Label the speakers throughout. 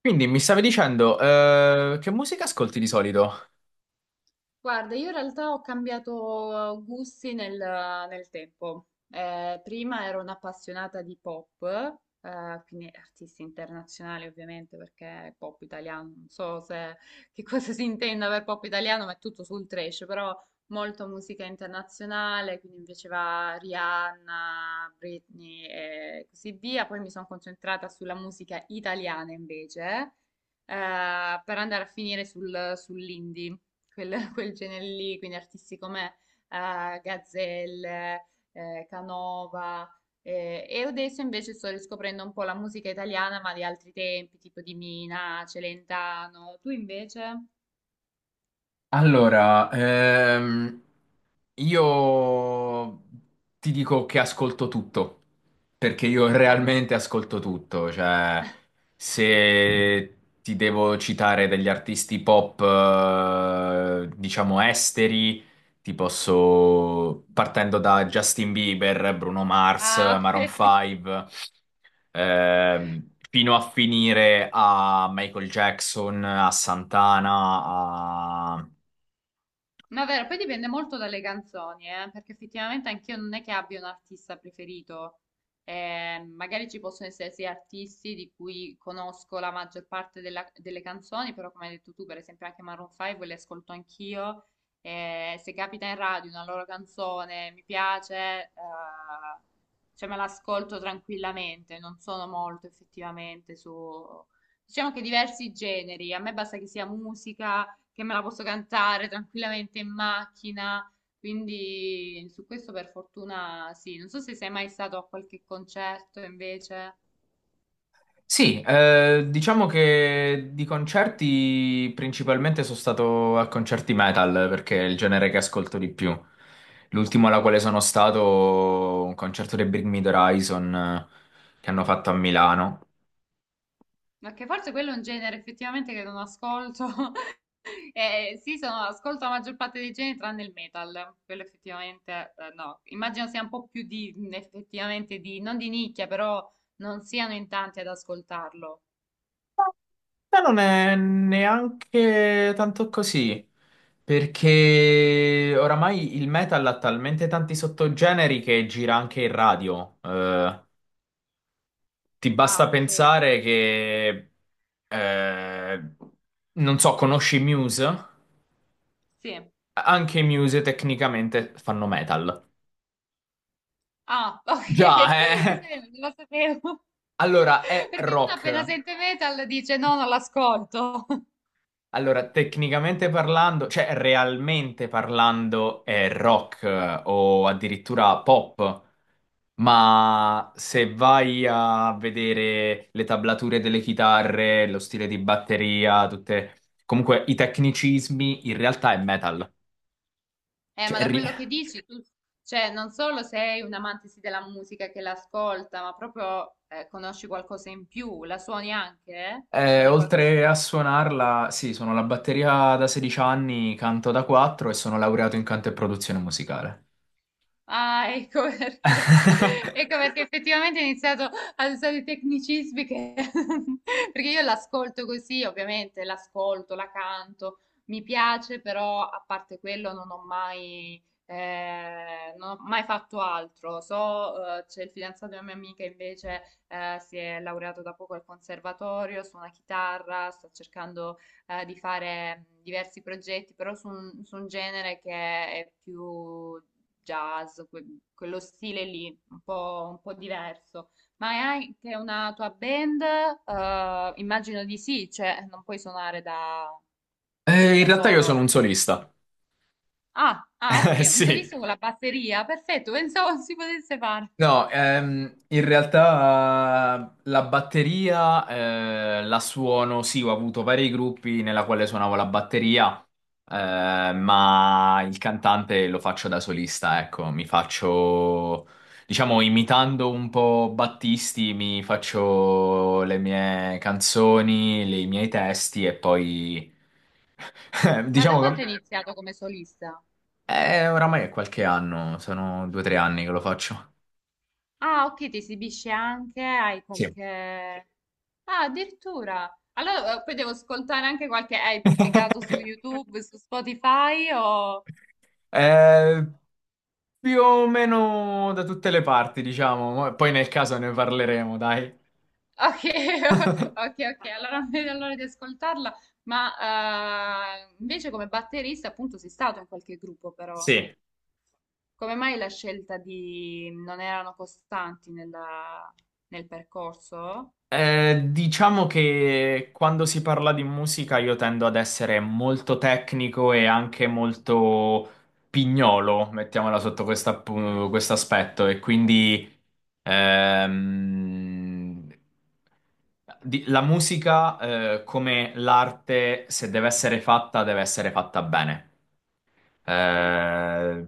Speaker 1: Quindi mi stavi dicendo, che musica ascolti di solito?
Speaker 2: Guarda, io in realtà ho cambiato gusti nel tempo. Prima ero un'appassionata di pop, quindi artisti internazionali ovviamente, perché pop italiano, non so se, che cosa si intenda per pop italiano, ma è tutto sul trash, però molto musica internazionale, quindi mi piaceva Rihanna, Britney e così via. Poi mi sono concentrata sulla musica italiana invece, per andare a finire sull'indie quel, quel genere lì, quindi artisti come Gazzelle, Canova. E adesso invece sto riscoprendo un po' la musica italiana, ma di altri tempi, tipo di Mina, Celentano. Tu invece?
Speaker 1: Allora, io ti dico che ascolto tutto, perché io
Speaker 2: Ah,
Speaker 1: realmente ascolto tutto, cioè se ti devo citare degli artisti pop, diciamo esteri, ti posso, partendo da Justin Bieber, Bruno Mars,
Speaker 2: ah,
Speaker 1: Maroon
Speaker 2: ok.
Speaker 1: 5, fino a finire a Michael Jackson, a Santana, a...
Speaker 2: No, è vero, poi dipende molto dalle canzoni, perché effettivamente anch'io non è che abbia un artista preferito. Magari ci possono essere sì artisti di cui conosco la maggior parte delle canzoni, però come hai detto tu, per esempio anche Maroon 5 le ascolto anch'io. Se capita in radio una loro canzone, mi piace, cioè me l'ascolto tranquillamente, non sono molto effettivamente su... Diciamo che diversi generi, a me basta che sia musica che me la posso cantare tranquillamente in macchina. Quindi su questo per fortuna sì. Non so se sei mai stato a qualche concerto invece,
Speaker 1: Sì, diciamo che di concerti principalmente sono stato a concerti metal perché è il genere che ascolto di più. L'ultimo alla quale sono stato, un concerto dei Bring Me the Horizon che hanno fatto a Milano.
Speaker 2: ma che forse quello è un genere effettivamente che non ascolto. Sì, sono, ascolto la maggior parte dei generi tranne il metal, quello effettivamente no. Immagino sia un po' più di, effettivamente di, non di nicchia, però non siano in tanti ad ascoltarlo.
Speaker 1: Ma non è neanche tanto così, perché oramai il metal ha talmente tanti sottogeneri che gira anche in radio. Ti
Speaker 2: Ah,
Speaker 1: basta
Speaker 2: ok.
Speaker 1: pensare che, eh, non so, conosci Muse?
Speaker 2: Sì.
Speaker 1: Anche i Muse tecnicamente fanno metal.
Speaker 2: Ah, ok.
Speaker 1: Già,
Speaker 2: Sì,
Speaker 1: eh?
Speaker 2: sì, non lo sapevo.
Speaker 1: Allora, è
Speaker 2: Perché uno appena
Speaker 1: rock.
Speaker 2: sente metal dice no, non l'ascolto.
Speaker 1: Allora, tecnicamente parlando, cioè realmente parlando, è rock, o addirittura pop. Ma se vai a vedere le tablature delle chitarre, lo stile di batteria, tutte, comunque i tecnicismi, in realtà è metal.
Speaker 2: Ma
Speaker 1: Cioè,
Speaker 2: da
Speaker 1: ri-
Speaker 2: quello che dici, tu, cioè, non solo sei un amante sì della musica che l'ascolta, ma proprio conosci qualcosa in più, la suoni anche, eh? Suoni qualche
Speaker 1: Oltre a
Speaker 2: strumento.
Speaker 1: suonarla, sì, sono la batteria da 16 anni, canto da 4 e sono laureato in canto e produzione musicale.
Speaker 2: Ah, ecco perché. Ecco perché effettivamente ho iniziato ad usare i tecnicismi che... perché io l'ascolto così, ovviamente l'ascolto, la canto, mi piace, però a parte quello non ho mai, non ho mai fatto altro. So, c'è il fidanzato di una mia amica invece si è laureato da poco al conservatorio, suona chitarra, sta cercando di fare diversi progetti, però su su un genere che è più jazz, quello stile lì, un po' diverso. Ma hai anche una tua band? Immagino di sì, cioè non puoi suonare
Speaker 1: In
Speaker 2: da
Speaker 1: realtà io
Speaker 2: solo.
Speaker 1: sono un solista.
Speaker 2: Ah, ah, ok, un
Speaker 1: Sì,
Speaker 2: solista con la batteria, perfetto, pensavo si potesse fare.
Speaker 1: no, in realtà la batteria la suono, sì, ho avuto vari gruppi nella quale suonavo la batteria, ma il cantante lo faccio da solista, ecco, mi faccio, diciamo, imitando un po' Battisti, mi faccio le mie canzoni, i miei testi e poi,
Speaker 2: Ma da
Speaker 1: diciamo che
Speaker 2: quanto hai iniziato come solista?
Speaker 1: oramai è qualche anno, sono 2 o 3 anni che lo faccio.
Speaker 2: Ah, ok, ti esibisci anche, hai
Speaker 1: Sì.
Speaker 2: qualche... Ah, addirittura. Allora, poi devo ascoltare anche qualche... Hai pubblicato su YouTube, su Spotify o...
Speaker 1: Eh, Più o meno da tutte le parti, diciamo. Poi nel caso ne parleremo, dai.
Speaker 2: Ok, ok, ok, allora non vedo l'ora di ascoltarla, ma invece come batterista appunto sei stato in qualche gruppo però,
Speaker 1: Sì.
Speaker 2: come mai la scelta di non erano costanti nel percorso?
Speaker 1: Diciamo che quando si parla di musica io tendo ad essere molto tecnico e anche molto pignolo, mettiamola sotto
Speaker 2: Mm,
Speaker 1: questo aspetto, e quindi ehm, la musica, come l'arte, se deve essere fatta, deve essere fatta bene.
Speaker 2: sì,
Speaker 1: Eh,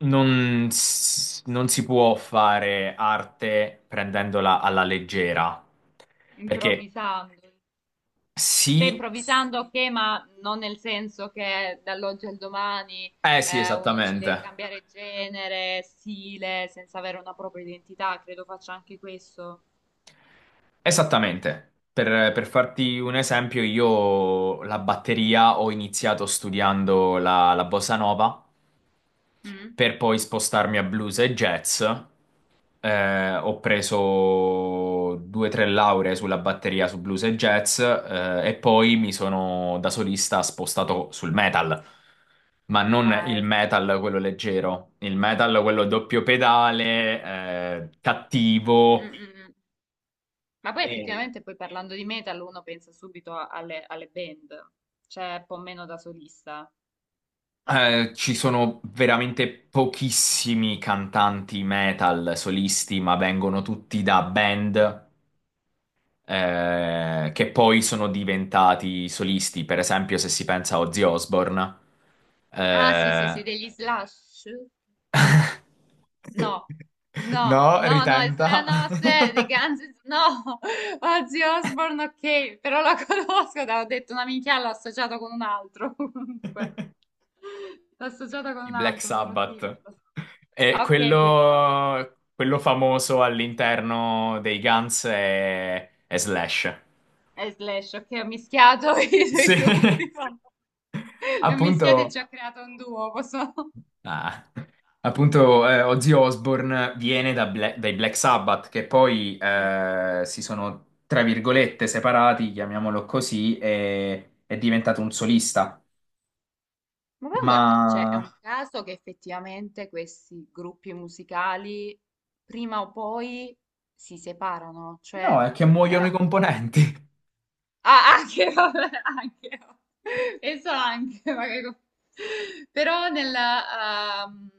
Speaker 1: non si può fare arte prendendola alla leggera, perché
Speaker 2: improvvisando, cioè
Speaker 1: sì,
Speaker 2: improvvisando ok, ma non nel senso che dall'oggi al domani
Speaker 1: eh sì,
Speaker 2: uno decide di
Speaker 1: esattamente,
Speaker 2: cambiare genere, stile, senza avere una propria identità, credo faccia anche questo.
Speaker 1: esattamente. Per farti un esempio, io la batteria ho iniziato studiando la bossa nova
Speaker 2: Mm?
Speaker 1: per poi spostarmi a blues e jazz. Ho preso due o tre lauree sulla batteria su blues e jazz, e poi mi sono da solista spostato sul metal, ma non
Speaker 2: Ah,
Speaker 1: il
Speaker 2: ecco.
Speaker 1: metal quello leggero, il metal quello doppio pedale,
Speaker 2: Mm,
Speaker 1: cattivo.
Speaker 2: mm, mm. Ma poi
Speaker 1: Eh,
Speaker 2: effettivamente poi parlando di metal uno pensa subito alle, alle band, c'è un po' meno da solista.
Speaker 1: Ci sono veramente pochissimi cantanti metal solisti, ma vengono tutti da band, che poi sono diventati solisti. Per esempio, se si pensa a Ozzy Osbourne,
Speaker 2: Ah sì sì
Speaker 1: eh,
Speaker 2: sì, degli Slash? No, no,
Speaker 1: No,
Speaker 2: no, no,
Speaker 1: ritenta.
Speaker 2: Slash no, se, The Guns, N' no, Ozzy Osbourne ok, però la conosco, te l'ho detto una minchia, l'ho associato con un altro comunque, l'ho associato con
Speaker 1: I
Speaker 2: un
Speaker 1: Black
Speaker 2: altro però sì, lo
Speaker 1: Sabbath,
Speaker 2: so.
Speaker 1: e
Speaker 2: Ok, Black Sabbath,
Speaker 1: quello famoso all'interno dei Guns è Slash.
Speaker 2: e Slash, ok, ho mischiato i due
Speaker 1: Sì,
Speaker 2: gruppi. E mischiate ci
Speaker 1: appunto.
Speaker 2: ha creato un duo, posso...
Speaker 1: Ah, appunto, Ozzy Osbourne viene da dai Black Sabbath, che poi
Speaker 2: Mm.
Speaker 1: si sono, tra virgolette, separati, chiamiamolo così, e è diventato un solista.
Speaker 2: Ma poi guarda, cioè, è
Speaker 1: Ma
Speaker 2: un caso che effettivamente questi gruppi musicali prima o poi si separano, cioè
Speaker 1: no, è che muoiono i
Speaker 2: eh,
Speaker 1: componenti.
Speaker 2: ah, anche, vabbè, anche, penso anche, magari. Però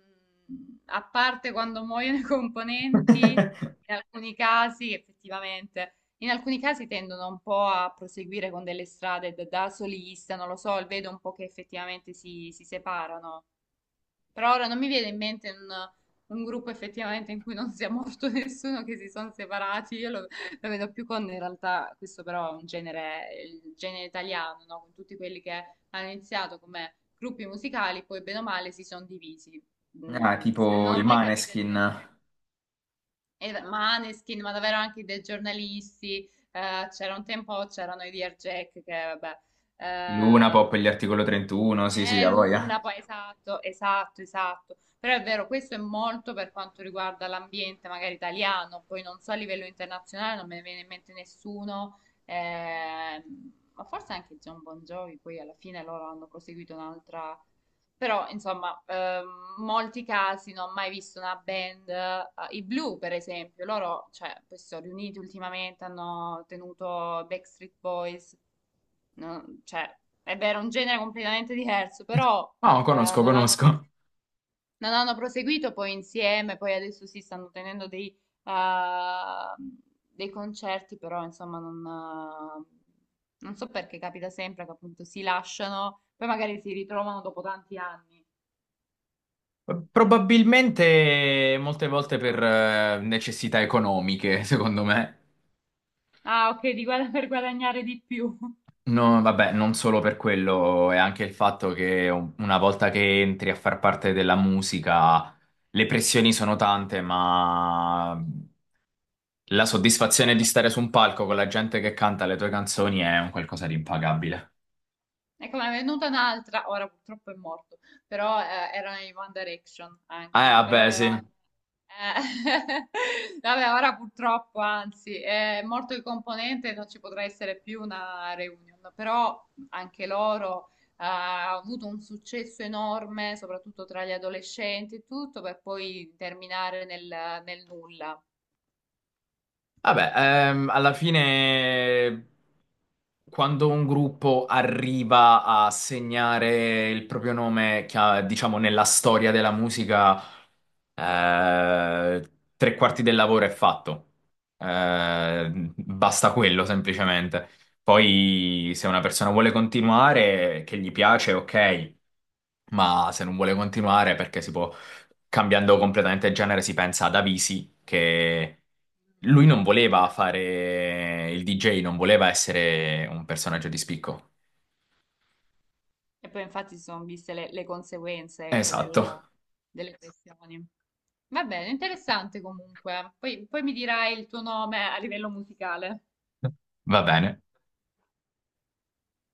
Speaker 2: a parte quando muoiono i componenti, in alcuni casi, effettivamente, in alcuni casi tendono un po' a proseguire con delle strade da solista, non lo so, vedo un po' che effettivamente si separano. Però ora non mi viene in mente un gruppo effettivamente in cui non sia morto nessuno, che si sono separati. Io lo vedo più con, in realtà, questo però è un genere, il genere italiano, no? Con tutti quelli che hanno iniziato come gruppi musicali, poi bene o male si sono divisi.
Speaker 1: Ah,
Speaker 2: Mm,
Speaker 1: tipo
Speaker 2: non
Speaker 1: i
Speaker 2: ho mai capito il
Speaker 1: Maneskin,
Speaker 2: perché. E Maneskin, ma davvero anche dei giornalisti. C'era un tempo, c'erano i Dear Jack, che vabbè.
Speaker 1: i Luna Pop e
Speaker 2: ehm,
Speaker 1: gli Articolo 31, sì, sì, a voglia.
Speaker 2: L'una, poi esatto, esatto, esatto. Però è vero, questo è molto per quanto riguarda l'ambiente, magari italiano, poi non so a livello internazionale, non me ne viene in mente nessuno, ma forse anche John Bon Jovi, poi alla fine loro hanno proseguito un'altra... Però, insomma, molti casi non ho mai visto una band, i Blue per esempio, loro, cioè, poi si sono riuniti ultimamente, hanno tenuto Backstreet Boys, no, cioè, è vero, è un genere completamente diverso, però
Speaker 1: No, conosco,
Speaker 2: non hanno,
Speaker 1: conosco.
Speaker 2: non hanno proseguito poi insieme, poi adesso si stanno tenendo eh, dei concerti, però insomma non so perché capita sempre che appunto si lasciano, poi magari si ritrovano dopo tanti anni.
Speaker 1: Probabilmente molte volte per necessità economiche, secondo me.
Speaker 2: Ah, ok, di per guadagnare di più.
Speaker 1: No, vabbè, non solo per quello, è anche il fatto che una volta che entri a far parte della musica, le pressioni sono tante, ma la soddisfazione di
Speaker 2: Ecco.
Speaker 1: stare su un palco con la gente che canta le tue canzoni è un qualcosa di impagabile.
Speaker 2: Ecco, ne è venuta un'altra, ora purtroppo è morto, però era in One Direction anche, però
Speaker 1: Vabbè,
Speaker 2: era...
Speaker 1: sì.
Speaker 2: eh, Vabbè, ora purtroppo, anzi, è morto il componente, non ci potrà essere più una reunion, però anche loro ha avuto un successo enorme, soprattutto tra gli adolescenti e tutto, per poi terminare nel nulla.
Speaker 1: Vabbè, alla fine quando un gruppo arriva a segnare il proprio nome, diciamo, nella storia della musica, eh, tre quarti del lavoro è fatto. Basta quello semplicemente. Poi, se una persona vuole continuare, che gli piace, ok, ma se non vuole continuare perché si può cambiando completamente genere, si pensa ad Avisi, che lui non voleva
Speaker 2: Beh,
Speaker 1: fare il DJ, non voleva essere un personaggio di spicco.
Speaker 2: e poi infatti si sono viste le conseguenze, ecco,
Speaker 1: Esatto,
Speaker 2: delle questioni. Va bene, interessante comunque. Poi, poi mi dirai il tuo nome a livello musicale.
Speaker 1: va bene.